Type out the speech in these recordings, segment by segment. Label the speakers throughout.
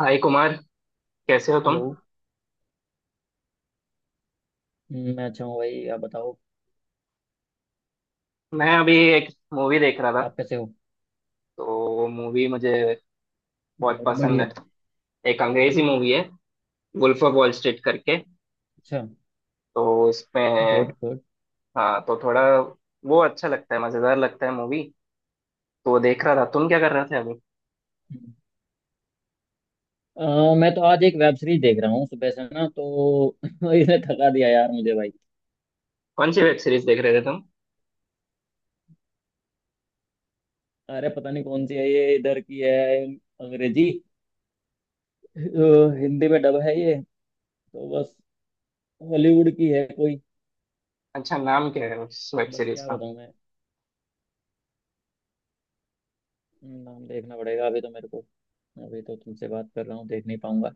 Speaker 1: हाय कुमार, कैसे हो
Speaker 2: हेलो।
Speaker 1: तुम?
Speaker 2: मैं अच्छा हूँ भाई, आप बताओ।
Speaker 1: मैं अभी एक मूवी देख रहा था।
Speaker 2: आप कैसे हो?
Speaker 1: तो मूवी मुझे बहुत
Speaker 2: बहुत
Speaker 1: पसंद
Speaker 2: बढ़िया।
Speaker 1: है। एक अंग्रेजी मूवी है, वुल्फ ऑफ वॉल स्ट्रीट करके।
Speaker 2: अच्छा।
Speaker 1: तो इसमें,
Speaker 2: गुड गुड।
Speaker 1: हाँ, तो थोड़ा वो अच्छा लगता है, मज़ेदार लगता है मूवी। तो वो देख रहा था। तुम क्या कर रहे थे अभी?
Speaker 2: मैं तो आज एक वेब सीरीज देख रहा हूँ सुबह से ना, तो इसने थका दिया यार मुझे भाई।
Speaker 1: कौन सी वेब सीरीज देख रहे थे तुम?
Speaker 2: अरे पता नहीं कौन सी है, ये इधर की है। अंग्रेजी, अ, हिंदी में डब है ये। तो बस, हॉलीवुड की है कोई।
Speaker 1: अच्छा, नाम क्या है उस वेब
Speaker 2: बस
Speaker 1: सीरीज
Speaker 2: क्या
Speaker 1: का?
Speaker 2: बताऊँ मैं। नाम देखना पड़ेगा अभी तो मेरे को। अभी तो तुमसे बात कर रहा हूँ, देख नहीं पाऊंगा।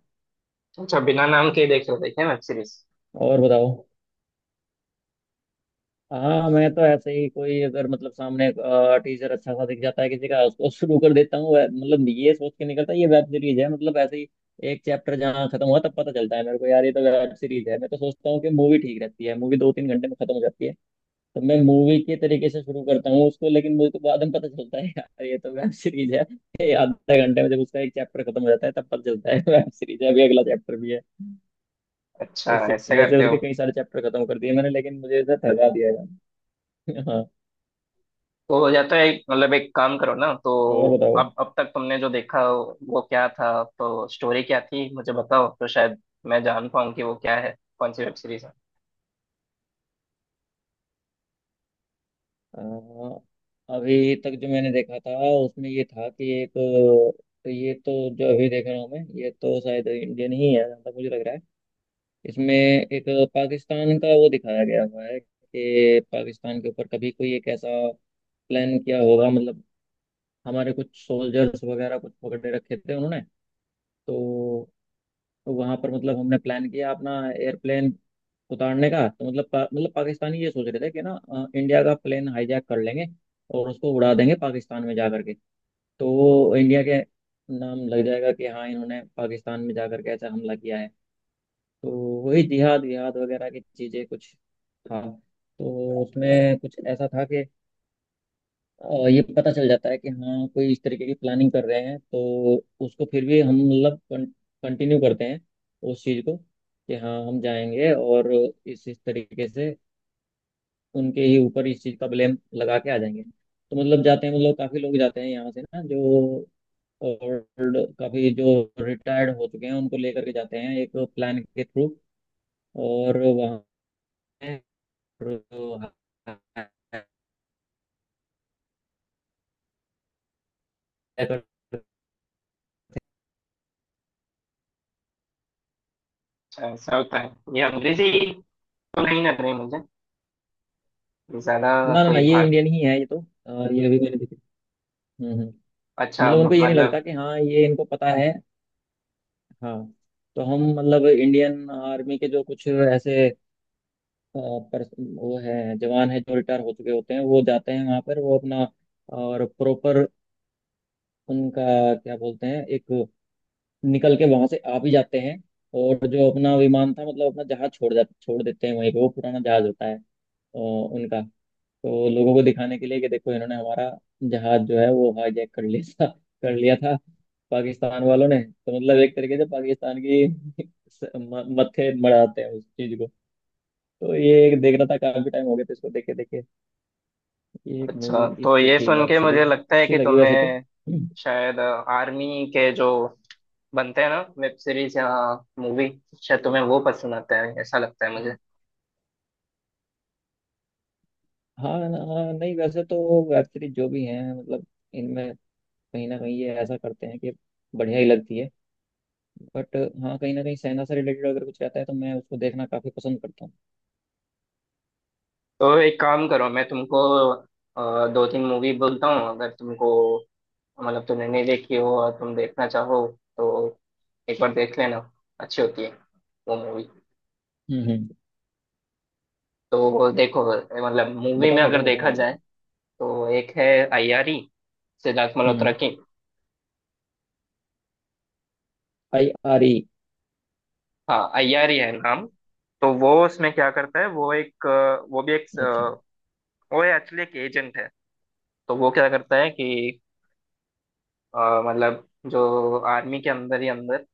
Speaker 1: अच्छा, बिना नाम के ही देख रहे थे क्या वेब सीरीज?
Speaker 2: और बताओ। हाँ, मैं तो ऐसे ही कोई अगर मतलब सामने टीचर अच्छा सा दिख जाता है किसी का, उसको शुरू कर देता हूँ। मतलब ये सोच के निकलता है ये वेब सीरीज है, मतलब ऐसे ही। एक चैप्टर जहाँ खत्म हुआ तब पता चलता है मेरे को यार ये तो वेब सीरीज है। मैं तो सोचता हूँ कि मूवी ठीक रहती है, मूवी 2-3 घंटे में खत्म हो जाती है। तो मैं मूवी के तरीके से शुरू करता हूँ उसको, लेकिन मुझे तो बाद में पता चलता है यार ये तो वेब सीरीज है। ये आधे घंटे में जब उसका एक चैप्टर खत्म हो जाता है तब पता चलता है वेब सीरीज है, अभी अगला चैप्टर भी है।
Speaker 1: अच्छा,
Speaker 2: और
Speaker 1: ऐसे
Speaker 2: सुबह से
Speaker 1: करते हो?
Speaker 2: उसके कई सारे चैप्टर खत्म कर दिए मैंने, लेकिन मुझे ऐसा थका दिया है हाँ।
Speaker 1: तो या तो एक, मतलब एक काम करो ना। तो
Speaker 2: और बताओ।
Speaker 1: अब तक तुमने जो देखा वो क्या था? तो स्टोरी क्या थी मुझे बताओ, तो शायद मैं जान पाऊँ कि वो क्या है, कौन सी वेब सीरीज है।
Speaker 2: अ, अभी तक जो मैंने देखा था उसमें ये था कि एक तो ये तो जो अभी देख रहा हूँ मैं, ये तो शायद इंडियन ही है जहाँ तक मुझे लग रहा है। इसमें एक पाकिस्तान का वो दिखाया गया हुआ है कि पाकिस्तान के ऊपर कभी कोई एक ऐसा प्लान किया होगा, मतलब हमारे कुछ सोल्जर्स वगैरह कुछ पकड़े रखे थे उन्होंने। तो तो वहां पर मतलब हमने प्लान किया अपना एयरप्लेन उतारने का। तो मतलब मतलब पाकिस्तानी ये सोच रहे थे कि ना इंडिया का प्लेन हाईजैक कर लेंगे और उसको उड़ा देंगे पाकिस्तान में जा करके। तो वो इंडिया के नाम लग जाएगा कि हाँ इन्होंने पाकिस्तान में जा करके ऐसा हमला किया है। तो वही जिहाद विहाद वगैरह की चीजें कुछ था, तो उसमें कुछ ऐसा था कि ये पता चल जाता है कि हाँ कोई इस तरीके की प्लानिंग कर रहे हैं। तो उसको फिर भी हम मतलब कंटिन्यू करते हैं उस चीज़ को कि हाँ हम जाएंगे और इस तरीके से उनके ही ऊपर इस चीज़ का ब्लेम लगा के आ जाएंगे। तो मतलब जाते हैं, मतलब काफ़ी लोग जाते हैं यहाँ से ना, जो ओल्ड काफ़ी, जो रिटायर्ड हो चुके हैं, उनको लेकर के जाते हैं एक प्लान के थ्रू। और वहाँ पे जो-
Speaker 1: अच्छा, ऐसा होता है। ये अंग्रेजी तो नहीं लग रही मुझे ज्यादा।
Speaker 2: ना ना ना,
Speaker 1: कोई
Speaker 2: ये
Speaker 1: भाग।
Speaker 2: इंडियन ही है ये तो। ये अभी मैंने हम्म हम्म। तो
Speaker 1: अच्छा,
Speaker 2: मतलब उनको ये नहीं लगता
Speaker 1: मतलब।
Speaker 2: कि हाँ ये इनको पता है। हाँ, तो हम मतलब इंडियन आर्मी के जो कुछ ऐसे अ, पर्स- वो है, जवान है जो रिटायर हो चुके होते हैं, वो जाते हैं वहाँ पर वो अपना और प्रॉपर उनका क्या बोलते हैं एक, निकल के वहाँ से आ भी जाते हैं। और जो अपना विमान था, मतलब अपना जहाज छोड़ देते हैं वहीं पे। वो पुराना जहाज होता है उनका। तो लोगों को दिखाने के लिए कि देखो इन्होंने हमारा जहाज जो है वो हाईजैक कर लिया था, कर लिया था पाकिस्तान वालों ने। तो मतलब एक तरीके से पाकिस्तान की मत्थे मढ़ाते हैं उस चीज को। तो ये एक देख रहा था, काफी टाइम हो गया तो इसको देखे देखे। ये एक मूवी
Speaker 1: अच्छा, तो
Speaker 2: इसकी
Speaker 1: ये
Speaker 2: थी,
Speaker 1: सुन
Speaker 2: वेब
Speaker 1: के मुझे
Speaker 2: सीरीज
Speaker 1: लगता है
Speaker 2: अच्छी
Speaker 1: कि
Speaker 2: लगी वैसे तो।
Speaker 1: तुम्हें शायद आर्मी के जो बनते हैं ना वेब सीरीज या मूवी, शायद तुम्हें वो पसंद आता है, ऐसा लगता है
Speaker 2: हम्म।
Speaker 1: मुझे।
Speaker 2: हाँ, नहीं वैसे तो वेब सीरीज जो भी हैं मतलब इनमें कहीं ना कहीं ये ऐसा करते हैं कि बढ़िया ही लगती है। बट हाँ, कहीं ना कहीं सेना से रिलेटेड अगर कुछ रहता है तो मैं उसको देखना काफी पसंद करता हूँ।
Speaker 1: तो एक काम करो, मैं तुमको दो तीन मूवी बोलता हूँ। अगर तुमको, मतलब तुमने नहीं देखी हो और तुम देखना चाहो तो एक बार देख लेना। अच्छी होती है वो मूवी।
Speaker 2: हम्म।
Speaker 1: तो देखो, मतलब मूवी
Speaker 2: बताओ
Speaker 1: में अगर
Speaker 2: बताओ बताओ
Speaker 1: देखा
Speaker 2: भाई
Speaker 1: जाए
Speaker 2: बताओ।
Speaker 1: तो एक है अय्यारी, सिद्धार्थ मल्होत्रा
Speaker 2: हम्म।
Speaker 1: की।
Speaker 2: आई आर ई।
Speaker 1: हाँ, अय्यारी है नाम। तो वो उसमें क्या करता है, वो एक वो भी एक
Speaker 2: अच्छा।
Speaker 1: वो एक्चुअली एक एजेंट है। तो वो क्या करता है कि अ, मतलब जो आर्मी के अंदर ही अंदर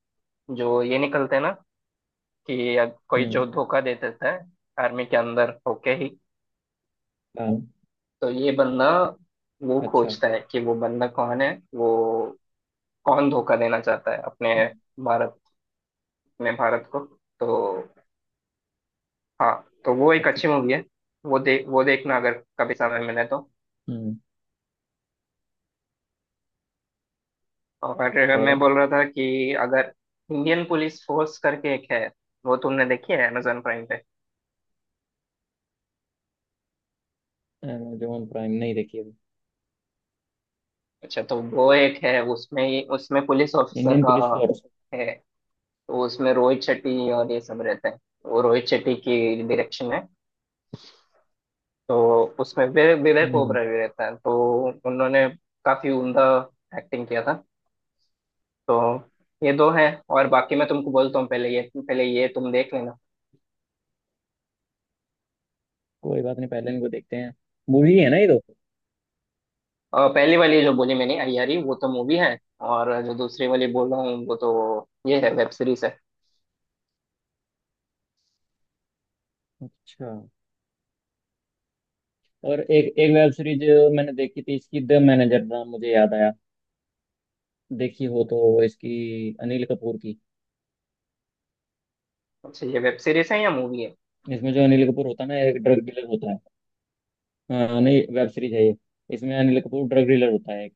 Speaker 1: जो ये निकलते हैं ना कि कोई
Speaker 2: हम्म।
Speaker 1: जो धोखा दे देता है आर्मी के अंदर होके ही।
Speaker 2: काम।
Speaker 1: तो ये बंदा वो
Speaker 2: अच्छा।
Speaker 1: खोजता है कि वो बंदा कौन है, वो कौन धोखा देना चाहता है
Speaker 2: हम्म।
Speaker 1: भारत अपने भारत को। तो हाँ। तो वो एक
Speaker 2: अच्छा।
Speaker 1: अच्छी मूवी है। वो देखना अगर कभी समय मिले तो।
Speaker 2: हम्म।
Speaker 1: और मैं
Speaker 2: और।
Speaker 1: बोल रहा था कि अगर इंडियन पुलिस फोर्स करके एक है, वो तुमने देखी है अमेजोन प्राइम पे?
Speaker 2: अमेजोन प्राइम नहीं देखी अभी।
Speaker 1: अच्छा, तो वो एक है, उसमें उसमें पुलिस ऑफिसर
Speaker 2: इंडियन
Speaker 1: का
Speaker 2: पुलिस फोर्स।
Speaker 1: है। तो उसमें रोहित शेट्टी और ये सब रहते हैं। वो रोहित शेट्टी की डायरेक्शन है। तो उसमें विवेक
Speaker 2: हम्म।
Speaker 1: ओबराय भी रहता है। तो उन्होंने काफी उम्दा एक्टिंग किया था। तो ये दो हैं। और बाकी मैं तुमको बोलता हूँ, पहले ये तुम देख लेना।
Speaker 2: कोई बात नहीं, पहले इनको देखते हैं। मूवी है ना ये तो।
Speaker 1: पहली वाली जो बोली मैंने अय्यारी, वो तो मूवी है। और जो दूसरी वाली बोल रहा हूँ वो तो ये है, वेब सीरीज है।
Speaker 2: अच्छा। और एक एक वेब सीरीज मैंने देखी थी इसकी, द मैनेजर नाम मुझे याद आया। देखी हो तो। इसकी अनिल कपूर की।
Speaker 1: अच्छा, ये वेब सीरीज है या मूवी है?
Speaker 2: इसमें जो अनिल कपूर होता है ना, एक ड्रग डीलर होता है। हाँ नहीं, वेब सीरीज है ये। इसमें अनिल कपूर ड्रग डीलर होता है एक।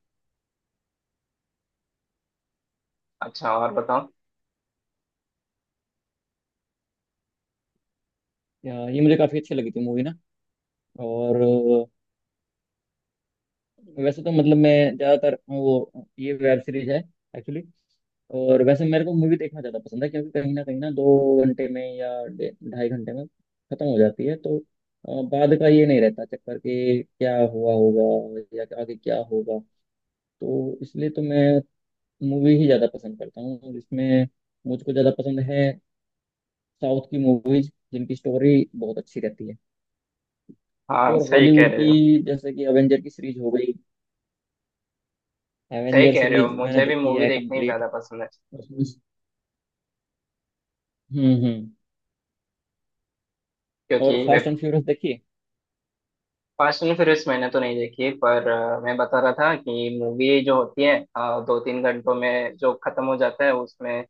Speaker 1: अच्छा, और बताओ।
Speaker 2: या, ये मुझे काफी अच्छी लगी थी मूवी ना। और वैसे तो मतलब मैं ज़्यादातर वो, ये वेब सीरीज है एक्चुअली। और वैसे मेरे को मूवी देखना ज़्यादा पसंद है क्योंकि कहीं ना 2 घंटे में या ढाई घंटे में ख़त्म हो जाती है, तो बाद का ये नहीं रहता चक्कर कि क्या हुआ होगा या आगे क्या होगा। तो इसलिए तो मैं मूवी ही ज़्यादा पसंद करता हूँ, जिसमें मुझको ज़्यादा पसंद है साउथ की मूवीज जिनकी स्टोरी बहुत अच्छी रहती है।
Speaker 1: हाँ,
Speaker 2: और
Speaker 1: सही कह
Speaker 2: हॉलीवुड की,
Speaker 1: रहे हो।
Speaker 2: जैसे कि एवेंजर की सीरीज हो गई,
Speaker 1: सही
Speaker 2: एवेंजर
Speaker 1: कह रहे हो,
Speaker 2: सीरीज मैंने
Speaker 1: मुझे भी
Speaker 2: देखी
Speaker 1: मूवी
Speaker 2: है
Speaker 1: देखनी
Speaker 2: कंप्लीट।
Speaker 1: ज्यादा पसंद है,
Speaker 2: उसमें से- हम्म। और
Speaker 1: क्योंकि
Speaker 2: फास्ट
Speaker 1: वेब,
Speaker 2: एंड फ्यूरियस देखी।
Speaker 1: फास्ट एंड फ्यूरियस मैंने तो नहीं देखी, पर मैं बता रहा था कि मूवी जो होती है दो तीन घंटों में जो खत्म हो जाता है, उसमें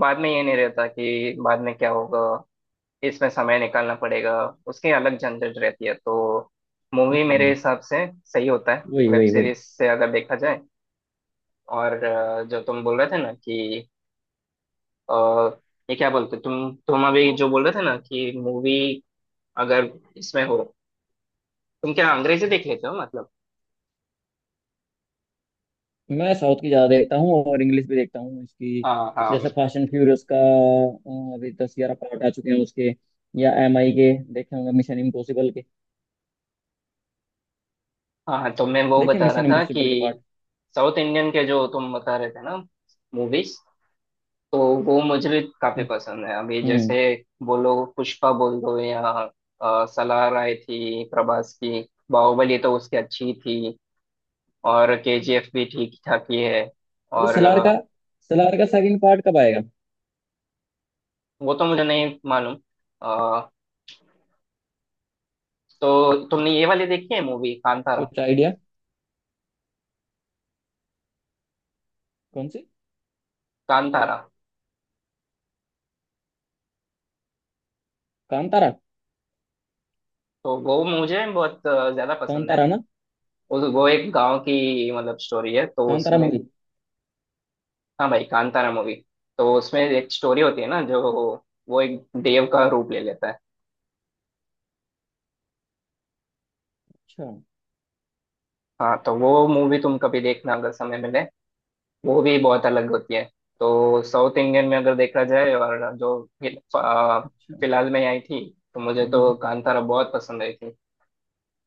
Speaker 1: बाद में ये नहीं रहता कि बाद में क्या होगा, इसमें समय निकालना पड़ेगा, उसकी अलग झंझट रहती है। तो मूवी मेरे
Speaker 2: हम्म।
Speaker 1: हिसाब से सही होता है,
Speaker 2: वही
Speaker 1: वेब
Speaker 2: वही वही।
Speaker 1: सीरीज से अगर देखा जाए। और जो तुम बोल रहे थे ना कि अ, ये क्या बोलते, तुम अभी जो बोल रहे थे ना कि मूवी अगर इसमें हो, तुम क्या अंग्रेजी देख लेते हो मतलब?
Speaker 2: मैं साउथ की ज्यादा देखता हूँ और इंग्लिश भी देखता हूँ इसकी।
Speaker 1: हाँ, हाँ,
Speaker 2: जैसे फास्ट एंड फ्यूरियस का अभी 10-11 पार्ट आ चुके हैं उसके। या MI के देखे होंगे मिशन इम्पॉसिबल के।
Speaker 1: हाँ, तो मैं वो
Speaker 2: देखे
Speaker 1: बता रहा
Speaker 2: मिशन
Speaker 1: था कि
Speaker 2: इम्पॉसिबल के पार्ट।
Speaker 1: साउथ इंडियन के जो तुम बता रहे थे ना, मूवीज, तो वो मुझे काफी
Speaker 2: हम्म
Speaker 1: पसंद है। अभी जैसे
Speaker 2: हम्म।
Speaker 1: बोलो पुष्पा बोल दो, या सलार आई थी प्रभास की। बाहुबली, तो उसकी अच्छी थी। और केजीएफ भी ठीक ठाक ही है।
Speaker 2: अरे
Speaker 1: और
Speaker 2: सलार का, सलार का सेकंड पार्ट कब आएगा,
Speaker 1: वो तो मुझे नहीं मालूम। अ, तो तुमने ये वाली देखी है मूवी, कांतारा?
Speaker 2: कुछ आइडिया? कौन सी?
Speaker 1: कांतारा,
Speaker 2: कांतारा।
Speaker 1: तो वो मुझे बहुत ज्यादा पसंद है।
Speaker 2: कांतारा ना।
Speaker 1: उस वो एक गांव की मतलब स्टोरी है, तो
Speaker 2: कांतारा
Speaker 1: उसमें,
Speaker 2: मूवी।
Speaker 1: हाँ भाई, कांतारा मूवी, तो उसमें एक स्टोरी होती है ना जो, वो एक देव का रूप ले लेता है।
Speaker 2: अच्छा।
Speaker 1: हाँ, तो वो मूवी तुम कभी देखना अगर समय मिले। वो भी बहुत अलग होती है। तो साउथ इंडियन में अगर देखा जाए और जो फिल- आ,
Speaker 2: अच्छा।
Speaker 1: फिलहाल में आई थी, तो मुझे तो
Speaker 2: हम्म।
Speaker 1: कांतारा बहुत पसंद आई थी।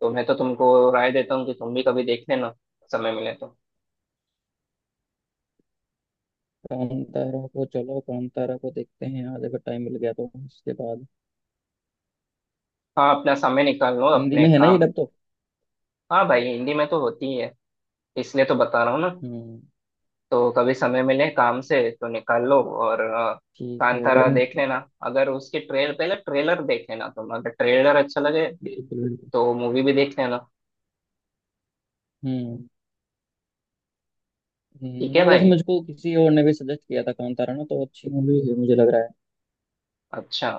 Speaker 1: तो मैं तो तुमको राय देता हूँ कि तुम भी कभी देख लेना, समय मिले तो।
Speaker 2: कांतारा को, चलो कांतारा को देखते हैं आज अगर टाइम मिल गया तो उसके बाद।
Speaker 1: हाँ, अपना समय निकाल लो
Speaker 2: हिंदी
Speaker 1: अपने
Speaker 2: में है ना ये
Speaker 1: काम।
Speaker 2: डब तो?
Speaker 1: हाँ भाई, हिंदी में तो होती ही है, इसलिए तो बता रहा हूँ ना।
Speaker 2: हम्म।
Speaker 1: तो कभी समय मिले काम से तो निकाल लो, और
Speaker 2: ठीक है।
Speaker 1: कांतारा देख लेना। अगर उसकी ट्रेल पहले ट्रेलर देख लेना तुम, अगर ट्रेलर अच्छा लगे
Speaker 2: बिल्कुल बिल्कुल।
Speaker 1: तो मूवी भी देख लेना।
Speaker 2: हम्म।
Speaker 1: ठीक है
Speaker 2: नहीं वैसे
Speaker 1: भाई।
Speaker 2: मुझको किसी और ने भी सजेस्ट किया था कांतारा ना, तो अच्छी मूवी है मुझे लग रहा है।
Speaker 1: अच्छा,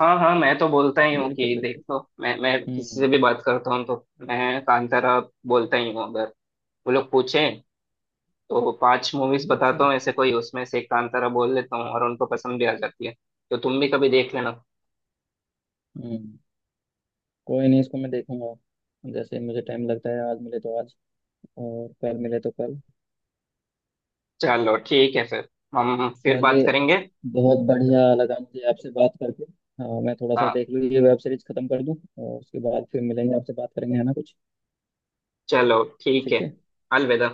Speaker 1: हाँ, हाँ, मैं तो बोलता ही हूँ
Speaker 2: बिल्कुल
Speaker 1: कि देख
Speaker 2: बिल्कुल।
Speaker 1: लो। मैं किसी
Speaker 2: हम्म।
Speaker 1: से भी बात करता हूँ तो मैं कांतारा बोलता ही हूँ, अगर वो लोग पूछें तो। पांच मूवीज
Speaker 2: अच्छा।
Speaker 1: बताता हूँ ऐसे कोई, उसमें से एक कांतारा बोल लेता हूँ और उनको पसंद भी आ जाती है। तो तुम भी कभी देख लेना।
Speaker 2: हम्म। कोई नहीं, इसको मैं देखूंगा जैसे मुझे टाइम लगता है, आज मिले तो आज और कल मिले तो कल।
Speaker 1: चलो ठीक है फिर, हम फिर बात
Speaker 2: चलिए,
Speaker 1: करेंगे।
Speaker 2: बहुत बढ़िया लगा मुझे आपसे बात करके। हाँ, मैं थोड़ा सा
Speaker 1: हाँ,
Speaker 2: देख लूँ, ये वेब सीरीज खत्म कर दूँ और उसके बाद फिर मिलेंगे, आपसे बात करेंगे है ना कुछ।
Speaker 1: चलो ठीक है।
Speaker 2: ठीक है।
Speaker 1: अलविदा।